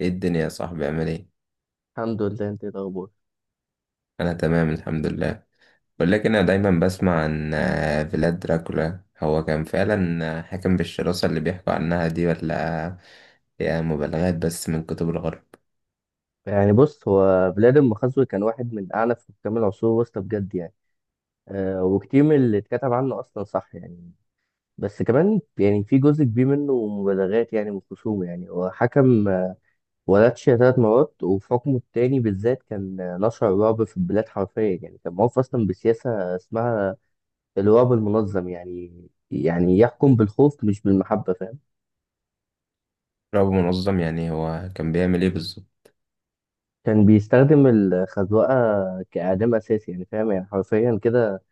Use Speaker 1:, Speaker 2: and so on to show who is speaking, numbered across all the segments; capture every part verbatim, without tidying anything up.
Speaker 1: ايه الدنيا يا صاحبي؟ عامل ايه؟
Speaker 2: الحمد لله، انت ايه الاخبار؟
Speaker 1: انا تمام الحمد لله. ولكن انا دايما بسمع عن آه، فيلاد دراكولا، هو كان فعلا آه، حاكم بالشراسة اللي بيحكوا عنها دي، ولا هي مبالغات بس من كتب الغرب؟
Speaker 2: يعني بص هو فلادimir مخزوي كان واحد من اعنف حكام العصور الوسطى بجد يعني. أه وكتير من اللي اتكتب عنه اصلا صح يعني. بس كمان يعني في جزء كبير منه مبالغات يعني من خصومه. يعني هو حكم آه، ولاتشيا ثلاث مرات، وفي حكمه التاني بالذات كان آه، نشر الرعب في البلاد حرفيا يعني. كان معروف اصلا بسياسة اسمها الرعب المنظم يعني، يعني يحكم بالخوف مش بالمحبة، فاهم؟
Speaker 1: رغم منظم، يعني هو كان بيعمل ايه بالظبط؟
Speaker 2: كان بيستخدم الخزوقة كإعدام أساسي، يعني فاهم يعني حرفيا كده.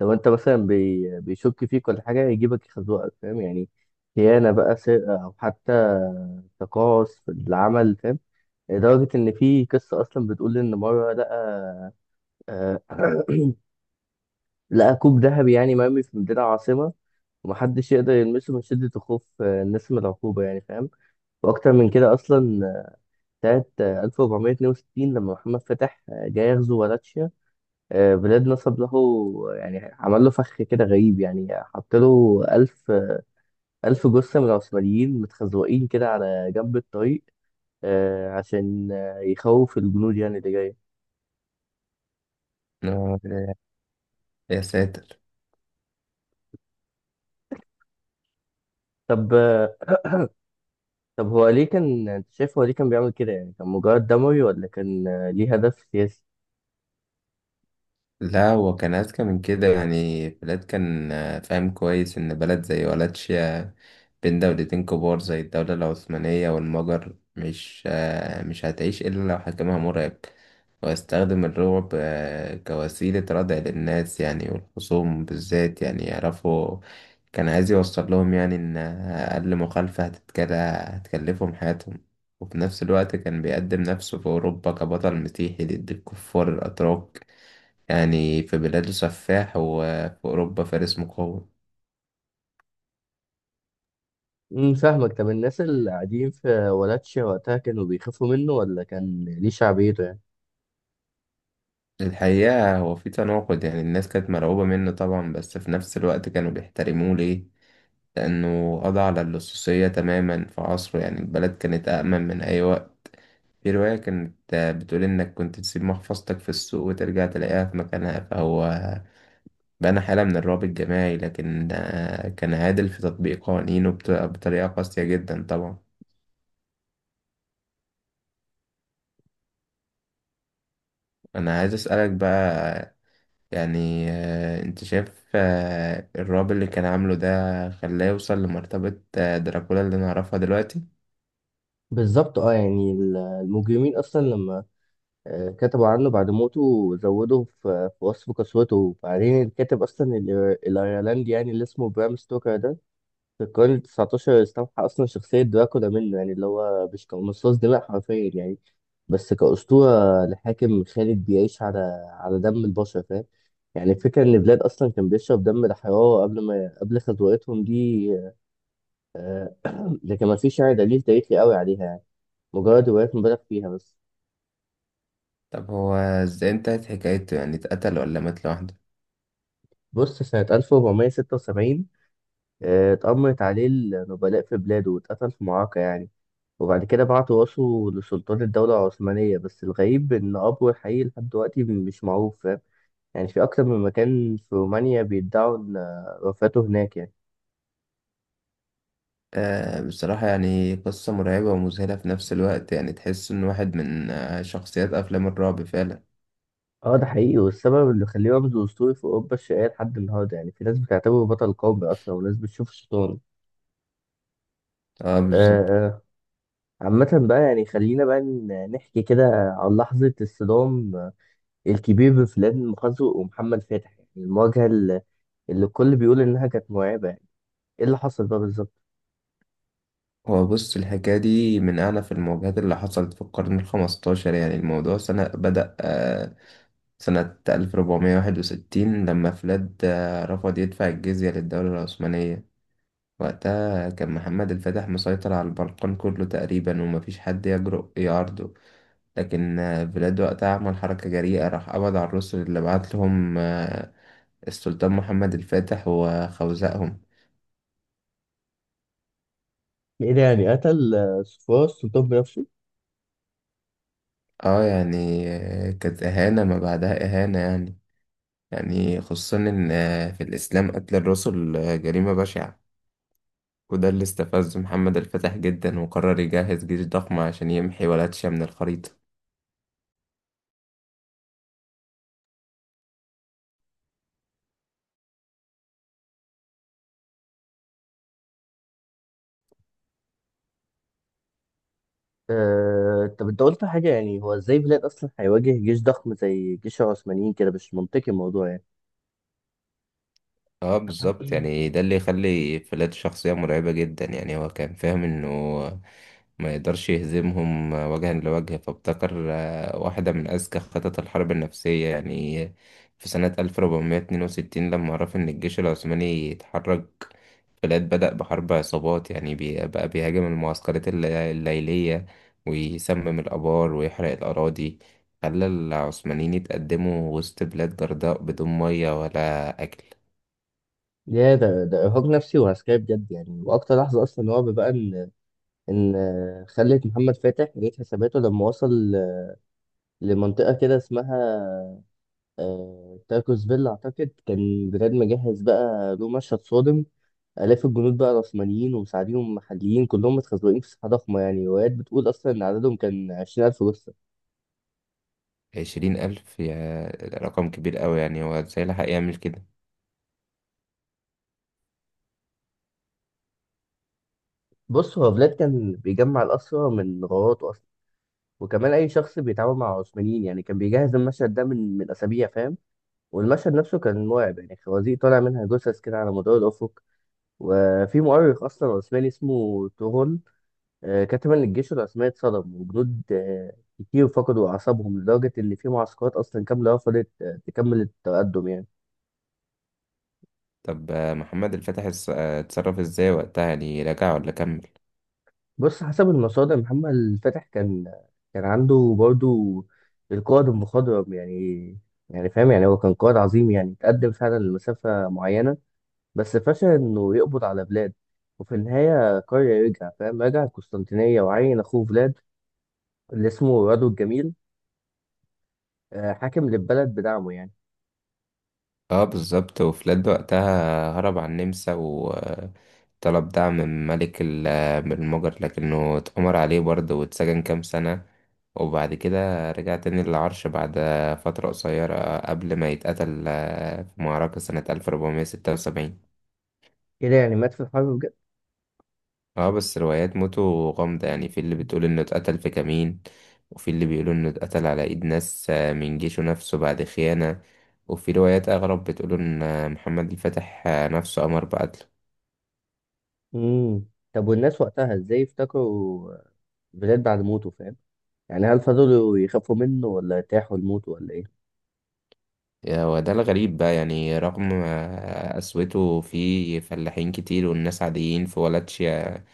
Speaker 2: لو انت مثلا بي... بيشك فيك ولا حاجه يجيبك يخزوقك، فاهم يعني، خيانه بقى، سرقه، او حتى تقاعس في العمل، فاهم. لدرجه ان في قصه اصلا بتقول ان مره لقى آه، لقى كوب ذهبي يعني مرمي في مدينه عاصمه، ومحدش يقدر يلمسه من شدة الخوف آه، الناس من العقوبة يعني، فاهم. وأكتر من كده أصلا آه، سنة آه، ألف وأربعمائة واثنين وستين لما محمد فتح آه، جاي يغزو ولاتشيا، آه، بلاد نصب له، يعني عمل له فخ كده غريب يعني، حط له 1000 ألف جثة من العثمانيين متخزوقين كده على جنب الطريق آه، عشان آه، يخوف الجنود يعني اللي جاية.
Speaker 1: آه، يا ساتر.
Speaker 2: طب آه، طب هو ليه كان، أنت شايف هو ليه كان بيعمل كده يعني، كان مجرد دموي ولا كان آه، ليه هدف سياسي؟
Speaker 1: لا، هو كان أذكى من كده. يعني فيلاد كان آه، فاهم كويس إن بلد زي ولاتشيا بين دولتين كبار زي الدولة العثمانية والمجر مش آه، مش هتعيش إلا لو حكمها مرعب، ويستخدم الرعب آه، كوسيلة ردع للناس، يعني والخصوم بالذات يعني يعرفوا. كان عايز يوصل لهم يعني إن أقل مخالفة هتتكل- هتكلفهم حياتهم. وفي نفس الوقت كان بيقدم نفسه في أوروبا كبطل مسيحي ضد الكفار الأتراك. يعني في بلاده سفاح وفي أوروبا فارس مقاوم.
Speaker 2: امم فاهمك. طب الناس اللي قاعدين في ولاتشيا وقتها كانوا بيخافوا منه ولا كان ليه شعبيته يعني؟
Speaker 1: الحقيقة هو في تناقض، يعني الناس كانت مرعوبة منه طبعا، بس في نفس الوقت كانوا بيحترموه. ليه؟ لأنه قضى على اللصوصية تماما في عصره. يعني البلد كانت أأمن من أي وقت. في رواية كانت آه، بتقول إنك كنت تسيب محفظتك في السوق وترجع تلاقيها في مكانها. فهو بنى حالة من الرعب الجماعي، لكن آه، كان عادل في تطبيق قوانينه بط- بطريقة قاسية جدا طبعا. أنا عايز أسألك بقى، يعني آه، انت شايف آه، الرعب اللي كان عامله ده خلاه يوصل لمرتبة آه، دراكولا اللي نعرفها دلوقتي؟
Speaker 2: بالظبط. اه يعني ال- المجرمين اصلا لما آه، كتبوا عنه بعد موته زودوا في في وصف قسوته. وبعدين الكاتب اصلا الإير- الايرلندي يعني اللي اسمه برام ستوكر ده في القرن التاسع عشر استوحى أصلا شخصية دراكولا منه، يعني اللي هو مش كمصاص دماء حرفيا يعني، بس كأسطورة لحاكم خالد بيعيش على على دم البشر، فاهم. يعني الفكرة إن بلاد أصلا كان بيشرب دم الحرارة قبل ما قبل خطوتهم دي، لكن ما فيش يعني دليل تاريخي قوي عليها يعني، مجرد روايات مبالغ فيها بس.
Speaker 1: طب هو ازاي انتهت حكايته؟ يعني اتقتل ولا مات لوحده؟
Speaker 2: بص سنة ألف وأربعمية وستة وسبعين آه، اتأمرت عليه النبلاء في بلاده واتقتل في معركة يعني، وبعد كده بعت راسه لسلطان الدولة العثمانية. بس الغريب إن أبوه الحقيقي لحد دلوقتي مش معروف، فاهم يعني، في أكتر من مكان في رومانيا بيدعوا إن وفاته هناك يعني.
Speaker 1: أه، بصراحة يعني قصة مرعبة ومذهلة في نفس الوقت. يعني تحس إن واحد من آه، شخصيات أفلام الرعب فعلا.
Speaker 2: اه ده حقيقي، والسبب اللي خليه رمز أسطوري في أوروبا الشرقية لحد النهاردة يعني، في ناس بتعتبره بطل قومي أصلا وناس بتشوفه شيطان.
Speaker 1: اه
Speaker 2: آه،
Speaker 1: بالظبط.
Speaker 2: آه. عامة بقى، يعني خلينا بقى ن- نحكي كده عن لحظة الصدام الكبير بين فلان مخزوق ومحمد فتحي، يعني المواجهة اللي اللي الكل بيقول إنها كانت مرعبة يعني. إيه اللي حصل بقى بالظبط؟
Speaker 1: هو بص، الحكاية دي من أعنف المواجهات اللي حصلت في القرن الخمستاشر. يعني الموضوع سنة بدأ آه، سنة ألف وأربعمئة وواحد وستين لما فلاد آه، رفض يدفع الجزية للدولة العثمانية. وقتها كان محمد الفاتح مسيطر على البلقان كله تقريبا، ومفيش حد يجرؤ يعارضه. لكن آه، فلاد وقتها عمل حركة جريئة، راح قبض على الرسل اللي بعت لهم آه، السلطان محمد الفاتح وخوزقهم.
Speaker 2: يعني يعني قتل آه، صفوان السلطان بنفسه.
Speaker 1: اه يعني آه، كانت إهانة ما بعدها إهانة. يعني يعني خصوصا إن آه، في الإسلام قتل الرسل آه، جريمة بشعة. وده اللي استفزه محمد الفتح جدا، وقرر يجهز جيش ضخم عشان يمحي ولاية شيعة من الخريطة.
Speaker 2: آه، طب انت قلت حاجة، يعني هو ازاي بلاد اصلا هيواجه جيش ضخم زي جيش العثمانيين، كده مش منطقي الموضوع يعني.
Speaker 1: اه بالظبط. يعني ده اللي يخلي فلات شخصية مرعبة جدا. يعني هو كان فاهم انه ما يقدرش يهزمهم وجها لوجه، فابتكر آه، واحدة من أذكى خطط الحرب النفسية. يعني في سنة ألف وأربعمية واتنين وستين لما عرف إن الجيش العثماني يتحرك، فلات بدأ بحرب عصابات. يعني بي- بقى بيهاجم المعسكرات الل- الليلية، ويسمم الآبار ويحرق الأراضي، خلى العثمانيين يتقدموا وسط بلاد جرداء بدون مية ولا أكل.
Speaker 2: يا، ده ده ارهاق نفسي وعسكري بجد يعني، واكتر لحظة اصلا رعب بقى ان ان آه، خلت محمد فاتح يعيد حساباته لما وصل آه، لمنطقة كده اسمها آه، تاركوس فيلا، اعتقد كان بجد مجهز بقى له مشهد صادم. آلاف الجنود بقى العثمانيين ومساعديهم محليين كلهم متخزوقين في ساحة ضخمة، يعني روايات بتقول أصلا إن عددهم كان عشرين ألف جثة.
Speaker 1: عشرين ألف، يا رقم كبير أوي. يعني هو ازاي لحق يعمل كده؟
Speaker 2: بص هو فلاد كان بيجمع الأسرى من غاراته أصلا، وكمان أي شخص بيتعامل مع العثمانيين يعني، كان بيجهز المشهد ده من من أسابيع، فاهم. والمشهد نفسه كان مرعب يعني، خوازيق طالع منها جثث كده على مدار الأفق. وفي مؤرخ أصلا عثماني اسمه تورون آه، كتب إن الجيش العثماني اتصدم، وجنود آه، كتير فقدوا أعصابهم، لدرجة إن في معسكرات أصلا كاملة رفضت آه، تكمل التقدم يعني.
Speaker 1: طب آه، محمد الفتح اس- آه، اتصرف ازاي وقتها؟ يعني رجع ولا كمل؟
Speaker 2: بص حسب المصادر محمد فتح كان كان عنده برضو القائد المخضرم يعني، يعني فاهم، يعني هو كان قائد عظيم يعني، تقدم فعلا لمسافة معينة بس فشل إنه يقبض على بلاد، وفي النهاية قرر يرجع، فاهم، رجع القسطنطينية وعين أخوه فلاد اللي اسمه رادو الجميل آه، حاكم للبلد بدعمه يعني.
Speaker 1: اه بالظبط. وفلاد وقتها هرب على النمسا، وطلب دعم من ملك ال- آه، من المجر، لكنه اتأمر عليه برضه واتسجن كام سنة. وبعد كده رجع تاني للعرش بعد فترة قصيرة قبل ما يتقتل آه، في معركة سنة ألف وأربعمائة وستة وسبعين.
Speaker 2: كده يعني مات في الحرب بجد.
Speaker 1: اه بس روايات موتو غامضة. يعني في اللي بتقول انه اتقتل في كمين، وفي اللي بيقولوا انه اتقتل على ايد ناس آه، من جيشه نفسه بعد خيانة، وفي روايات اغرب بتقول ان آه، محمد الفاتح آه، نفسه امر بقتله.
Speaker 2: مم. طب والناس وقتها ازاي افتكروا بلاد بعد موته، فاهم؟ يعني هل فضلوا يخافوا منه ولا ارتاحوا لموته ولا ايه؟
Speaker 1: يا، وده الغريب بقى. يعني رغم آه، قسوته في فلاحين كتير والناس عاديين في ولا تشيا،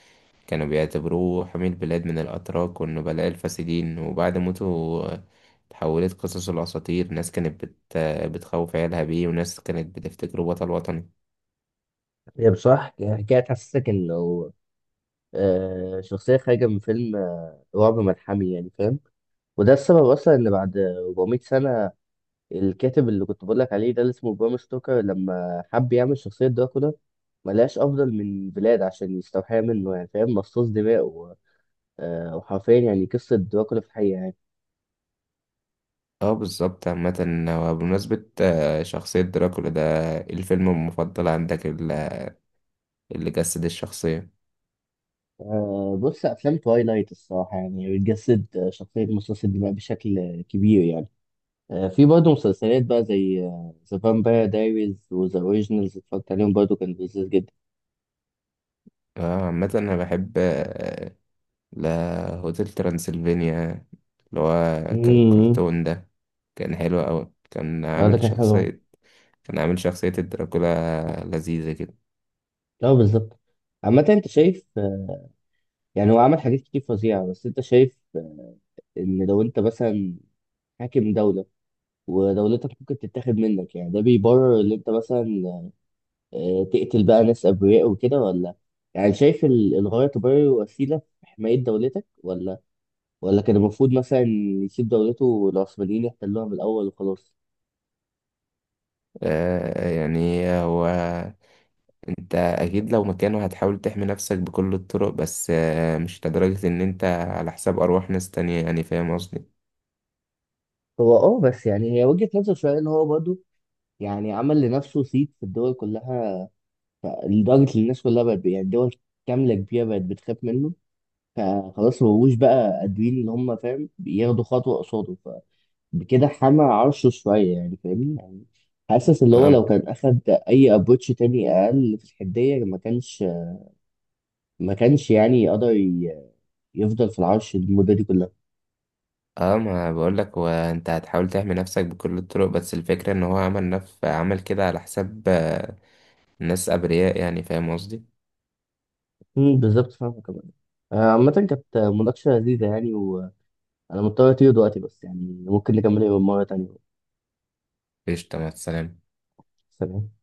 Speaker 1: كانوا بيعتبروه حمي البلاد من الأتراك والنبلاء الفاسدين. وبعد موته آه، تحولت قصص الأساطير. ناس كانت بت... آه، بتخوف عيالها بيه، وناس كانت بتفتكره بطل وطني.
Speaker 2: هي بصراحة حكاية تحسسك إنه آه، شخصية خارجة من فيلم آه، رعب ملحمي يعني، فاهم. وده السبب أصلا إن بعد أربعمية سنة الكاتب اللي كنت بقولك عليه ده اللي اسمه برام ستوكر لما حب يعمل شخصية دراكولا، ملقاش أفضل من بلاد عشان يستوحيها منه يعني، فاهم، مصاص دماء و- آه، وحرفيا يعني قصة دراكولا في الحقيقة يعني.
Speaker 1: اه بالظبط. عامة، هو بمناسبة آه، شخصية دراكولا ده، إيه الفيلم المفضل عندك ال- اللي جسد الشخصية؟
Speaker 2: آه، بص أفلام توايلايت الصراحة يعني بتجسد آه، شخصية مصاص الدماء بشكل كبير يعني. آه، في برضه مسلسلات بقى زي ذا فامباير دايريز وذا اوريجينالز، اتفرجت عليهم برضه، كان لذيذ جدا.
Speaker 1: اه عامة أنا بحب آه، لا، هوتيل ترانسلفينيا، اللي هو ك-
Speaker 2: امم
Speaker 1: الكرتون ده، كان حلو أوي. كان
Speaker 2: اه، ده
Speaker 1: عامل
Speaker 2: كان حلو أوي.
Speaker 1: شخصية، كان عامل شخصية الدراكولا لذيذة كده.
Speaker 2: لا بالظبط. عامة انت شايف آه، يعني هو عمل حاجات كتير فظيعة، بس انت شايف آه، ان لو انت مثلا حاكم دولة ودولتك ممكن تتاخد منك، يعني ده بيبرر ان انت مثلا آه، تقتل بقى ناس ابرياء وكده؟ ولا يعني شايف ال- الغاية تبرر وسيلة في حماية دولتك، ولا ولا كان المفروض مثلا يسيب دولته والعثمانيين يحتلوها من الأول وخلاص؟
Speaker 1: آه يعني هو، انت اكيد لو مكانه هتحاول تحمي نفسك بكل الطرق، بس آه مش لدرجة ان انت على حساب ارواح ناس تانية، يعني فاهم قصدي.
Speaker 2: هو اه، بس يعني هي وجهة نظر شوية، ان هو برضه يعني عمل لنفسه صيت في الدول كلها، لدرجة ان الناس كلها بقت يعني دول كاملة كبيرة بقت بتخاف منه، فخلاص مبقوش بقى قادرين ان هم، فاهم، ياخدوا خطوة قصاده، فبكده حمى عرشه شوية، يعني فاهمني يعني. حاسس اللي هو
Speaker 1: اه.
Speaker 2: لو كان أخد أي أبروتش تاني أقل في الحدية ما كانش ما كانش يعني يقدر ي- يفضل في العرش المدة دي كلها.
Speaker 1: اه ما بقولك، هو انت هتحاول تحمي نفسك بكل الطرق، بس الفكرة ان هو عمل نف عمل كده على حساب آه ناس ابرياء، يعني فاهم قصدي.
Speaker 2: امم بالظبط، فاهمة كمان. آه، عامة كانت مناقشة لذيذة يعني، انا مضطر اطير دلوقتي، بس يعني ممكن نكمل يوم مرة تانية.
Speaker 1: قشطة، مع السلامة.
Speaker 2: سلام.